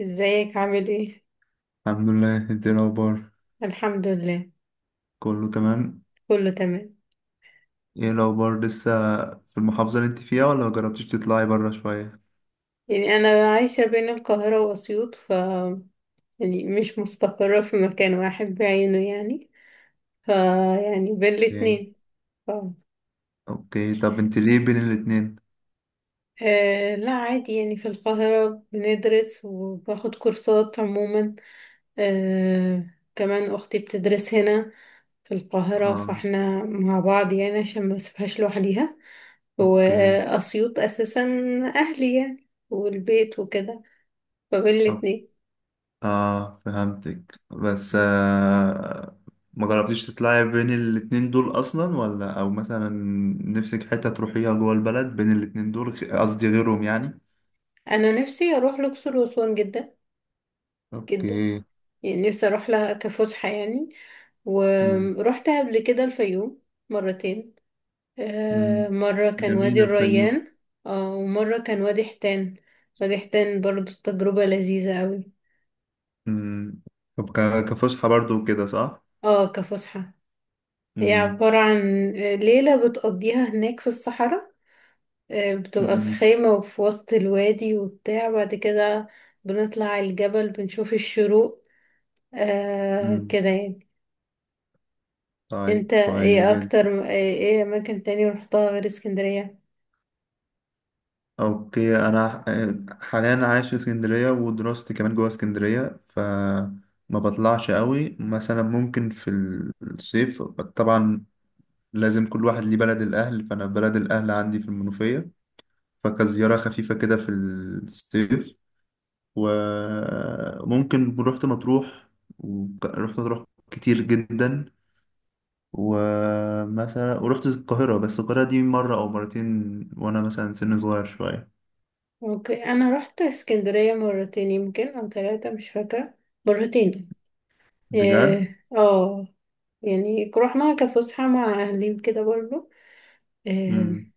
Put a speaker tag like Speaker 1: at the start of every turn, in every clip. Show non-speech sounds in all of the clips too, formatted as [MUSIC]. Speaker 1: ازيك عامل ايه؟
Speaker 2: الحمد لله، انت ايه الاخبار؟
Speaker 1: الحمد لله،
Speaker 2: كله تمام.
Speaker 1: كله تمام.
Speaker 2: ايه الاخبار لسه؟ في المحافظه اللي انت فيها ولا مجربتيش تطلعي بره شويه؟
Speaker 1: يعني انا عايشة بين القاهرة واسيوط، يعني مش مستقرة في مكان واحد بعينه، يعني ف يعني بين
Speaker 2: ايه.
Speaker 1: الاتنين. ف...
Speaker 2: اوكي، طب انت ليه بين الاتنين؟
Speaker 1: آه لا عادي، يعني في القاهرة بندرس وباخد كورسات عموما. آه، كمان اختي بتدرس هنا في القاهرة
Speaker 2: اه.
Speaker 1: فاحنا مع بعض يعني عشان ما اسيبهاش لوحديها.
Speaker 2: اوكي
Speaker 1: وأسيوط أساسا أهلي يعني والبيت وكده، فبين
Speaker 2: طب،
Speaker 1: الاتنين.
Speaker 2: اه فهمتك، بس ما جربتيش تطلعي بين الاتنين دول اصلا، ولا او مثلا نفسك حته تروحيها جوه البلد بين الاتنين دول قصدي غيرهم يعني؟
Speaker 1: أنا نفسي أروح الأقصر وأسوان جدا جدا،
Speaker 2: اوكي.
Speaker 1: يعني نفسي أروح لها كفسحة يعني.
Speaker 2: امم
Speaker 1: ورحت قبل كده الفيوم مرتين. آه،
Speaker 2: امم
Speaker 1: مرة كان وادي
Speaker 2: جميل الفيوم.
Speaker 1: الريان، اه ومرة كان وادي حيتان. وادي حيتان برضو تجربة لذيذة أوي.
Speaker 2: امم. طب كفسحه برضو كده صح؟
Speaker 1: اه كفسحة. هي
Speaker 2: مم.
Speaker 1: عبارة عن ليلة بتقضيها هناك في الصحراء، بتبقى في
Speaker 2: مم.
Speaker 1: خيمة وفي وسط الوادي وبتاع. بعد كده بنطلع على الجبل بنشوف الشروق، آه
Speaker 2: مم.
Speaker 1: كده يعني.
Speaker 2: طيب،
Speaker 1: انت
Speaker 2: كويس
Speaker 1: ايه
Speaker 2: جدا.
Speaker 1: اكتر ايه اماكن تاني رحتها غير اسكندرية؟
Speaker 2: اوكي، انا حاليا عايش في اسكندريه، ودراستي كمان جوه اسكندريه، فما بطلعش قوي. مثلا ممكن في الصيف طبعا لازم كل واحد ليه بلد الاهل، فانا بلد الاهل عندي في المنوفيه، فكزياره خفيفه كده في الصيف. وممكن رحت مطروح، ورحت مطروح كتير جدا. ومثلا ورحت القاهرة، بس القاهرة دي مرة أو مرتين وأنا مثلا سن صغير شوية.
Speaker 1: ممكن انا رحت اسكندرية مرتين يمكن او ثلاثة، مش فاكرة. مرتين.
Speaker 2: بجد؟
Speaker 1: اه، آه، يعني رحنا كفسحة مع اهلي كده برضو. آه
Speaker 2: مم.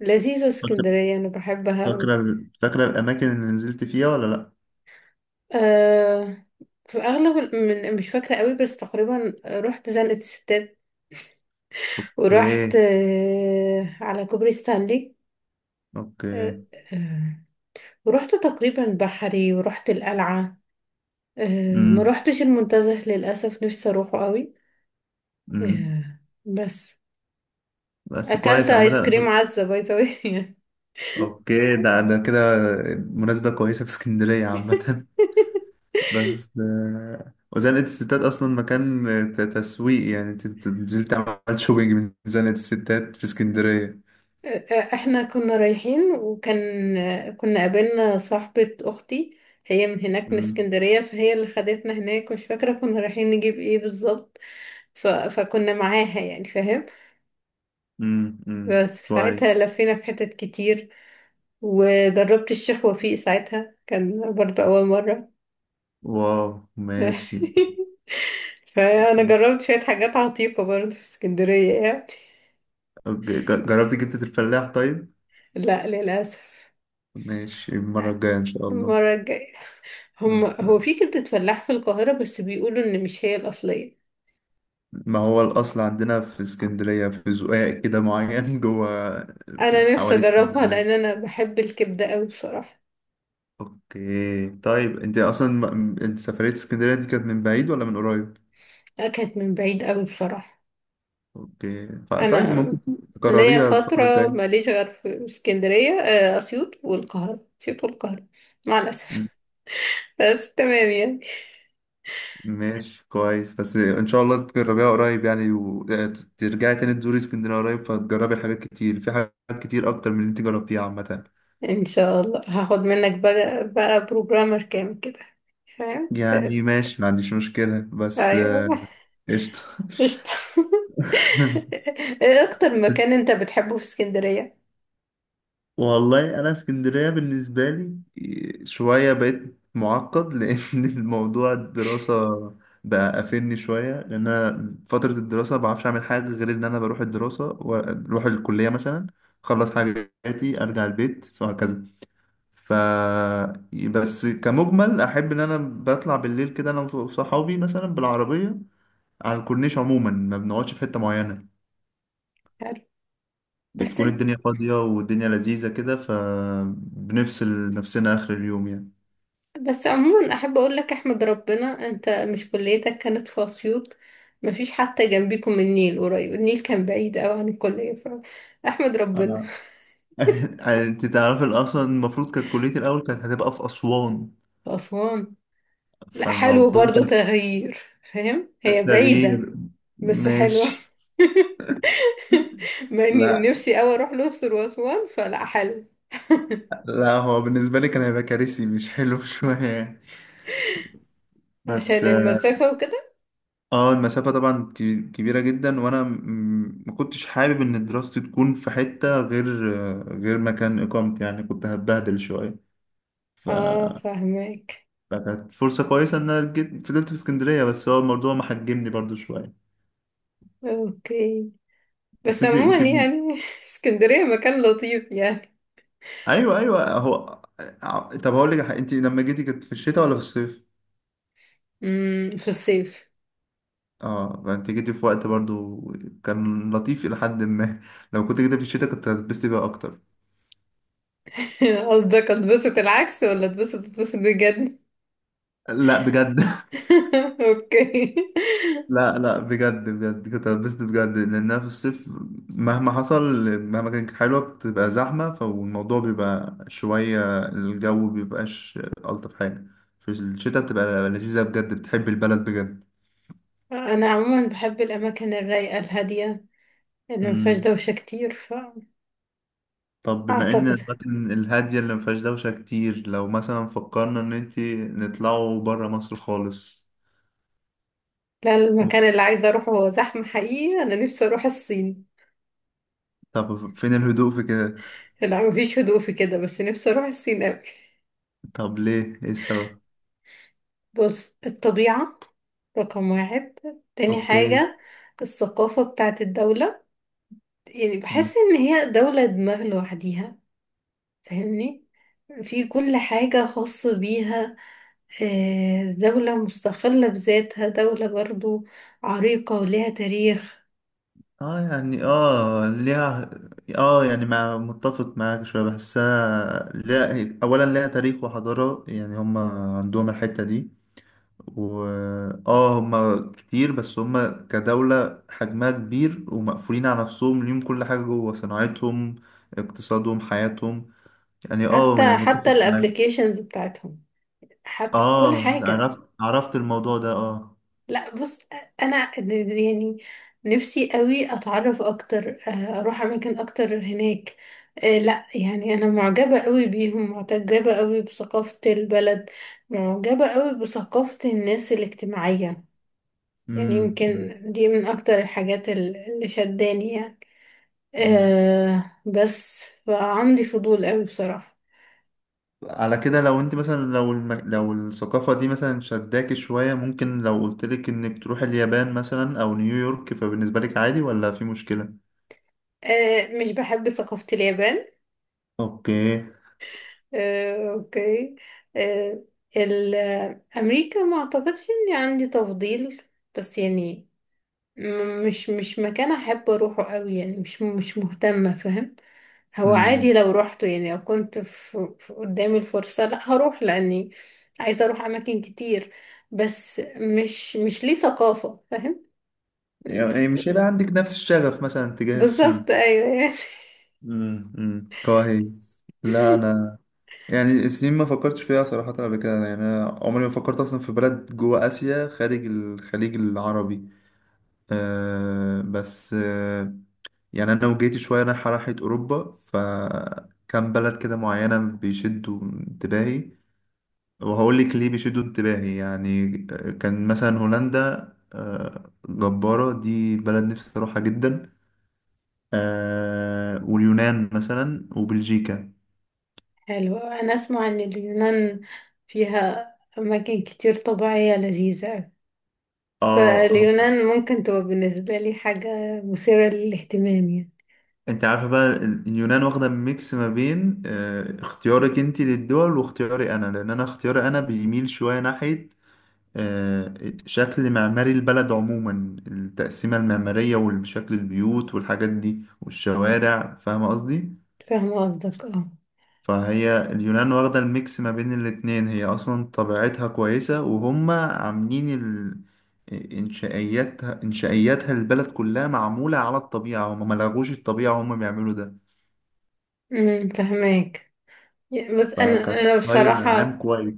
Speaker 1: لذيذة
Speaker 2: فاكرة
Speaker 1: اسكندرية، انا بحبها.
Speaker 2: فاكرة فاكرة الأماكن اللي نزلت فيها ولا لأ؟
Speaker 1: آه، في الأغلب مش فاكرة قوي، بس تقريبا رحت زنقة الستات. ورحت
Speaker 2: أوكي.
Speaker 1: آه على كوبري ستانلي. آه،
Speaker 2: أوكي.
Speaker 1: آه، ورحت تقريبا بحري ورحت القلعة. آه، ما
Speaker 2: مم.
Speaker 1: رحتش المنتزه للأسف، نفسي أروحه قوي.
Speaker 2: مم.
Speaker 1: آه بس.
Speaker 2: بس
Speaker 1: أكلت
Speaker 2: كويس
Speaker 1: آيس
Speaker 2: عامة.
Speaker 1: كريم عزة باي ذا واي.
Speaker 2: أوكي، ده ده كده مناسبة كويسة في اسكندرية عامة. [LAUGHS] بس
Speaker 1: [LAUGHS]
Speaker 2: وزنقة الستات أصلا مكان تسويق، يعني أنت نزلت عملت شوبينج من زنقة الستات في اسكندرية؟
Speaker 1: احنا كنا رايحين، وكان كنا قابلنا صاحبة اختي، هي من هناك من
Speaker 2: مم.
Speaker 1: اسكندرية فهي اللي خدتنا هناك، مش فاكرة كنا رايحين نجيب ايه بالظبط. فكنا معاها يعني، فاهم. بس في
Speaker 2: كويس.
Speaker 1: ساعتها لفينا في حتت كتير، وجربت الشيخ وفيق ساعتها كان برضه أول مرة.
Speaker 2: واو. ماشي.
Speaker 1: [LAUGHS] فأنا جربت شوية حاجات عتيقة برضه في اسكندرية يعني.
Speaker 2: أوكي. جربت جبتة الفلاح طيب؟
Speaker 1: لا، للأسف.
Speaker 2: ماشي، المرة الجاية إن شاء الله.
Speaker 1: المرة الجاية.
Speaker 2: مم.
Speaker 1: هم،
Speaker 2: ده.
Speaker 1: هو في كبدة فلاح في القاهرة بس بيقولوا إن مش هي الأصلية.
Speaker 2: ما هو الأصل عندنا في اسكندرية في زقاق كده معين [LAUGHS] جوه في
Speaker 1: انا نفسي
Speaker 2: حواري
Speaker 1: اجربها لان
Speaker 2: اسكندرية.
Speaker 1: انا بحب الكبده قوي بصراحه.
Speaker 2: أوكي طيب، أنت أصلا أنت سفرية اسكندرية دي كانت من بعيد ولا من قريب؟
Speaker 1: اكلت من بعيد قوي بصراحه.
Speaker 2: أوكي، طيب ممكن
Speaker 1: انا ليا
Speaker 2: تكرريها الفترة
Speaker 1: فتره
Speaker 2: الجاية.
Speaker 1: ماليش غير في اسكندريه، اسيوط والقاهره اسيوط والقاهره، مع الاسف. [LAUGHS] بس تمام يعني.
Speaker 2: ماشي، كويس. بس ان شاء الله تجربيها قريب يعني، وترجعي تاني تزوري اسكندريه قريب، فتجربي حاجات كتير، في حاجات كتير اكتر من اللي انت جربتيها عامه.
Speaker 1: ان شاء الله هاخد منك بقى بروجرامر كامل كده، فاهم
Speaker 2: يعني ماشي، ما عنديش مشكله، بس
Speaker 1: ايوه،
Speaker 2: قشطه.
Speaker 1: قشطه. [LAUGHS]
Speaker 2: [LAUGHS]
Speaker 1: ايه اكتر
Speaker 2: بس،
Speaker 1: مكان انت بتحبه في اسكندريه؟
Speaker 2: والله انا اسكندريه بالنسبه لي شويه بقيت معقد [LAUGHS] لان الموضوع الدراسه بقى قافلني شويه، لان انا فتره الدراسه ما بعرفش اعمل حاجه غير ان انا بروح الدراسه واروح الكليه مثلا، اخلص حاجاتي ارجع البيت وهكذا. ف، بس كمجمل احب ان انا بطلع بالليل كده انا وصحابي مثلا بالعربيه على الكورنيش عموما، ما بنقعدش في حته معينه،
Speaker 1: عارف. بس
Speaker 2: بتكون الدنيا فاضية والدنيا لذيذة كده، فبنفصل نفسنا آخر اليوم يعني.
Speaker 1: بس عموما احب اقول لك احمد ربنا انت مش كليتك كانت في اسيوط. مفيش حتى جنبيكم النيل قريب، النيل كان بعيد قوي عن الكليه، فاحمد ربنا.
Speaker 2: آه.
Speaker 1: في
Speaker 2: [LAUGHS] انت تعرف اصلا المفروض كانت كليتي الاول كانت هتبقى في اسوان،
Speaker 1: اسوان؟ لا حلو
Speaker 2: فالموضوع
Speaker 1: برضو تغيير. فاهم
Speaker 2: كان
Speaker 1: هي بعيده
Speaker 2: تغيير.
Speaker 1: بس حلوه.
Speaker 2: ماشي.
Speaker 1: [LAUGHS] ما
Speaker 2: لا
Speaker 1: نفسي قوي اروح الاقصر واسوان، فلا حلو.
Speaker 2: لا، هو بالنسبه لي كان هيبقى كارثي، مش حلو [LAUGHS] شويه يعني. بس
Speaker 1: عشان المسافه وكده.
Speaker 2: اه المسافه طبعا كبيره جدا، وانا ما كنتش حابب ان دراستي تكون في حته غير غير مكان اقامتي، يعني كنت هتبهدل شويه. ف،
Speaker 1: اه فاهمك.
Speaker 2: فكانت فرصة كويسة إن أنا جيت فضلت في اسكندرية، بس هو الموضوع محجمني برضو شوية.
Speaker 1: اوكي
Speaker 2: بس
Speaker 1: بس
Speaker 2: أنت
Speaker 1: عموما
Speaker 2: أنت
Speaker 1: يعني [LAUGHS] اسكندريه مكان لطيف يعني.
Speaker 2: أيوه أيوه، هو طب هقول لك على حاجة، أنت لما جيتي كانت في الشتاء ولا في الصيف؟
Speaker 1: امم، في الصيف.
Speaker 2: أه، فأنت جيتي في وقت برضو كان لطيف إلى حد ما. [LAUGHS] لو كنت جيتي في الشتاء كنت هتتبسطي بقى أكتر.
Speaker 1: [LAUGHS] قصدك اتبسط العكس ولا اتبسط؟ اتبسط بجد.
Speaker 2: لا بجد. [LAUGHS]
Speaker 1: [LAUGHS] اوكي.
Speaker 2: لا لا، بجد بجد كنت هتبسط بجد، لأنها في الصيف مهما حصل، مهما كانت حلوة بتبقى زحمة، فالموضوع بيبقى شوية الجو بيبقاش ألطف حاجة. في الشتاء بتبقى لذيذة بجد، بتحب البلد بجد.
Speaker 1: انا عموما بحب الاماكن الرايقه الهاديه اللي ما فيهاش
Speaker 2: مم.
Speaker 1: دوشه كتير.
Speaker 2: طب بما إن
Speaker 1: فاعتقد
Speaker 2: الأماكن الهادية اللي مفيهاش دوشة كتير، لو مثلا فكرنا إن انتي نطلعوا برا مصر خالص.
Speaker 1: لا،
Speaker 2: م-
Speaker 1: المكان اللي عايزه اروحه هو زحمه حقيقي، انا نفسي اروح الصين.
Speaker 2: طب فين الهدوء في كده؟
Speaker 1: لا مفيش هدوء في كده، بس نفسي اروح الصين قوي.
Speaker 2: طب ليه، إيه السبب؟
Speaker 1: بص الطبيعه، رقم واحد. تاني
Speaker 2: اوكي.
Speaker 1: حاجه الثقافه بتاعت الدوله، يعني بحس ان هي دوله دماغ لوحديها، فاهمني؟ في كل حاجة خاصة بيها، دولة مستقلة بذاتها، دولة برضو عريقة ولها تاريخ.
Speaker 2: اه يعني، اه ليها، اه يعني مع متفق معاك شوية، بحسها لا، اولا ليها تاريخ وحضارة، يعني هم عندهم الحتة دي. و، اه هم كتير، بس هم كدولة حجمها كبير ومقفولين على نفسهم، ليهم كل حاجة جوه: صناعتهم، اقتصادهم، حياتهم. يعني اه،
Speaker 1: حتى
Speaker 2: يعني
Speaker 1: حتى
Speaker 2: متفق معاك.
Speaker 1: الابليكيشنز بتاعتهم، حتى كل
Speaker 2: اه
Speaker 1: حاجة.
Speaker 2: عرفت عرفت الموضوع ده، اه.
Speaker 1: لا بص، أنا يعني نفسي قوي أتعرف أكتر، أروح أماكن أكتر هناك. لا يعني أنا معجبة قوي بيهم، معجبة قوي بثقافة البلد، معجبة قوي بثقافة الناس الاجتماعية. يعني
Speaker 2: امم امم،
Speaker 1: يمكن دي من اكتر الحاجات اللي شداني يعني.
Speaker 2: امم.
Speaker 1: أه بس فعندي فضول قوي بصراحة.
Speaker 2: على كده لو انت مثلا، لو الم... لو الثقافة دي مثلا شداكي شوية، ممكن لو قلتلك انك تروح اليابان مثلا او نيويورك، فبالنسبة لك عادي ولا في مشكلة؟
Speaker 1: أه مش بحب ثقافة اليابان.
Speaker 2: اوكي.
Speaker 1: أه اوكي، أه. ال- امريكا ما اعتقدش اني عندي تفضيل، بس يعني مش مكان احب اروحه قوي يعني، مش مهتمة، فاهم. هو
Speaker 2: امم،
Speaker 1: عادي لو روحته يعني، لو كنت في قدامي الفرصة لا هروح، لاني عايزة اروح اماكن كتير، بس مش ليه ثقافة، فاهم.
Speaker 2: يعني مش هيبقى عندك نفس الشغف مثلا تجاه
Speaker 1: بالظبط
Speaker 2: الصين.
Speaker 1: ايوه يعني.
Speaker 2: كويس. لا
Speaker 1: [LAUGHS]
Speaker 2: انا يعني الصين ما فكرتش فيها صراحة قبل كده، يعني انا عمري ما فكرت اصلا في بلد جوه اسيا خارج الخليج العربي. أه بس أه، يعني انا وجيتي شويه رايحه راحه اوروبا، فكان بلد كده معينه بيشدوا انتباهي، وهقول لك ليه بيشدوا انتباهي يعني. كان مثلا هولندا، جباره، دي بلد نفسي اروحها جدا. واليونان مثلا، وبلجيكا.
Speaker 1: حلو، انا اسمع ان اليونان فيها اماكن كتير طبيعية لذيذة أوي.
Speaker 2: اه،
Speaker 1: فاليونان ممكن تبقى بالنسبة لي حاجة مثيرة للاهتمام يعني.
Speaker 2: انت عارفه بقى اليونان واخده ميكس ما بين اختيارك انت للدول واختياري انا، لان انا اختياري انا بيميل شويه ناحيه آه، شكل معماري البلد عموما، التقسيمة المعمارية وشكل البيوت والحاجات دي والشوارع، فاهمة قصدي؟
Speaker 1: فاهمة قصدك اه.
Speaker 2: فهي اليونان واخدة الميكس ما بين الاتنين، هي أصلا طبيعتها كويسة، وهم عاملين ال... إنشائياتها، إنشائياتها البلد كلها معمولة على الطبيعة، هم ملغوش الطبيعة، هم بيعملوا ده.
Speaker 1: امم، فهماك يعني. بس انا
Speaker 2: فكستايل عام
Speaker 1: بصراحه
Speaker 2: كويس.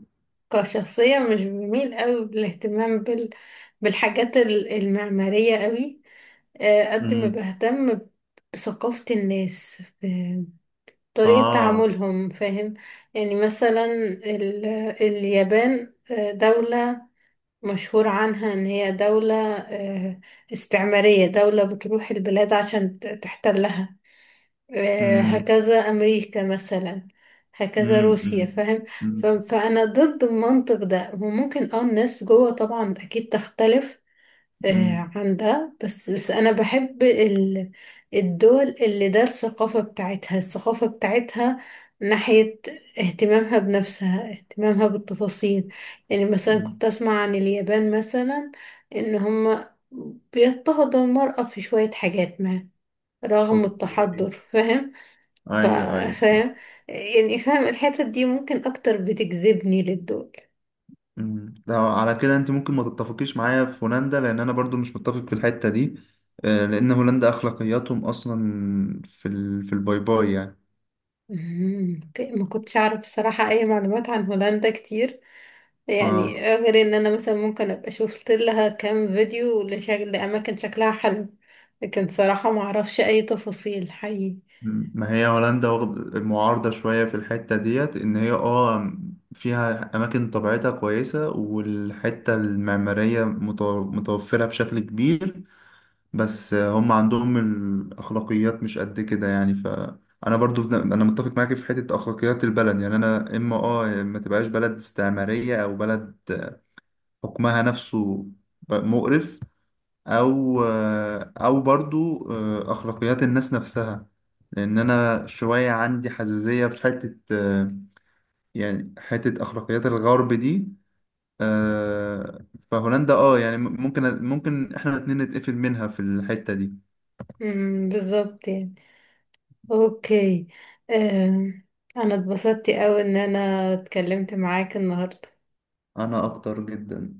Speaker 1: كشخصيه مش بميل قوي بالاهتمام بالحاجات المعماريه قوي، قد ما
Speaker 2: مم.
Speaker 1: بهتم بثقافه الناس، بطريقه
Speaker 2: آه.
Speaker 1: تعاملهم، فاهم. يعني مثلا ال اليابان دوله مشهور عنها ان هي دوله استعماريه، دوله بتروح البلاد عشان تحتلها.
Speaker 2: مم.
Speaker 1: هكذا أمريكا مثلا، هكذا
Speaker 2: مم.
Speaker 1: روسيا،
Speaker 2: مم.
Speaker 1: فاهم.
Speaker 2: مم.
Speaker 1: فأنا ضد المنطق ده، وممكن اه الناس جوه طبعا أكيد تختلف
Speaker 2: مم.
Speaker 1: عن ده. بس بس أنا بحب الدول اللي ده الثقافة بتاعتها، الثقافة بتاعتها ناحية اهتمامها بنفسها، اهتمامها بالتفاصيل. يعني مثلا
Speaker 2: مم.
Speaker 1: كنت أسمع عن اليابان مثلا إن هما بيضطهدوا المرأة في شوية حاجات ما، رغم
Speaker 2: اوكي،
Speaker 1: التحضر، فاهم. ف-
Speaker 2: ايوه ايوه.
Speaker 1: فاهم يعني، فاهم الحتت دي ممكن اكتر بتجذبني للدول.
Speaker 2: أمم. ده على كده انت ممكن ما تتفقيش معايا في هولندا، لان انا برضو مش متفق في الحتة دي. لان هولندا اخلاقياتهم اصلا في ال... في الباي باي يعني.
Speaker 1: مم، اوكي، ما كنتش اعرف بصراحة اي معلومات عن هولندا كتير، يعني
Speaker 2: اه،
Speaker 1: غير ان انا مثلا ممكن ابقى شفت لها كام فيديو لشكل لاماكن شكلها حلو، لكن صراحة ما اعرفش اي تفاصيل حقيقي.
Speaker 2: ما هي هولندا واخد- معارضة شوية في الحتة ديت، ان هي اه فيها اماكن طبيعتها كويسة، والحتة المعمارية متوفرة بشكل كبير، بس هم عندهم الأخلاقيات مش قد كده، يعني فأنا برضو في- أنا متفق معاك في حتة أخلاقيات البلد. يعني أنا إما آه، يا إما تبقاش بلد استعمارية، أو بلد حكمها نفسه مقرف، أو أو برضو أخلاقيات الناس نفسها، لأن أنا شوية عندي حساسية في حتة، يعني حتة أخلاقيات الغرب دي. آه، فهولندا اه يعني، ممكن احنا الاتنين نتقفل منها في الحتة دي.
Speaker 1: مم، بالظبط يعني. اوكي. آم، انا اتبسطت قوي ان انا اتكلمت معاك النهاردة.
Speaker 2: انا اكتر جدا.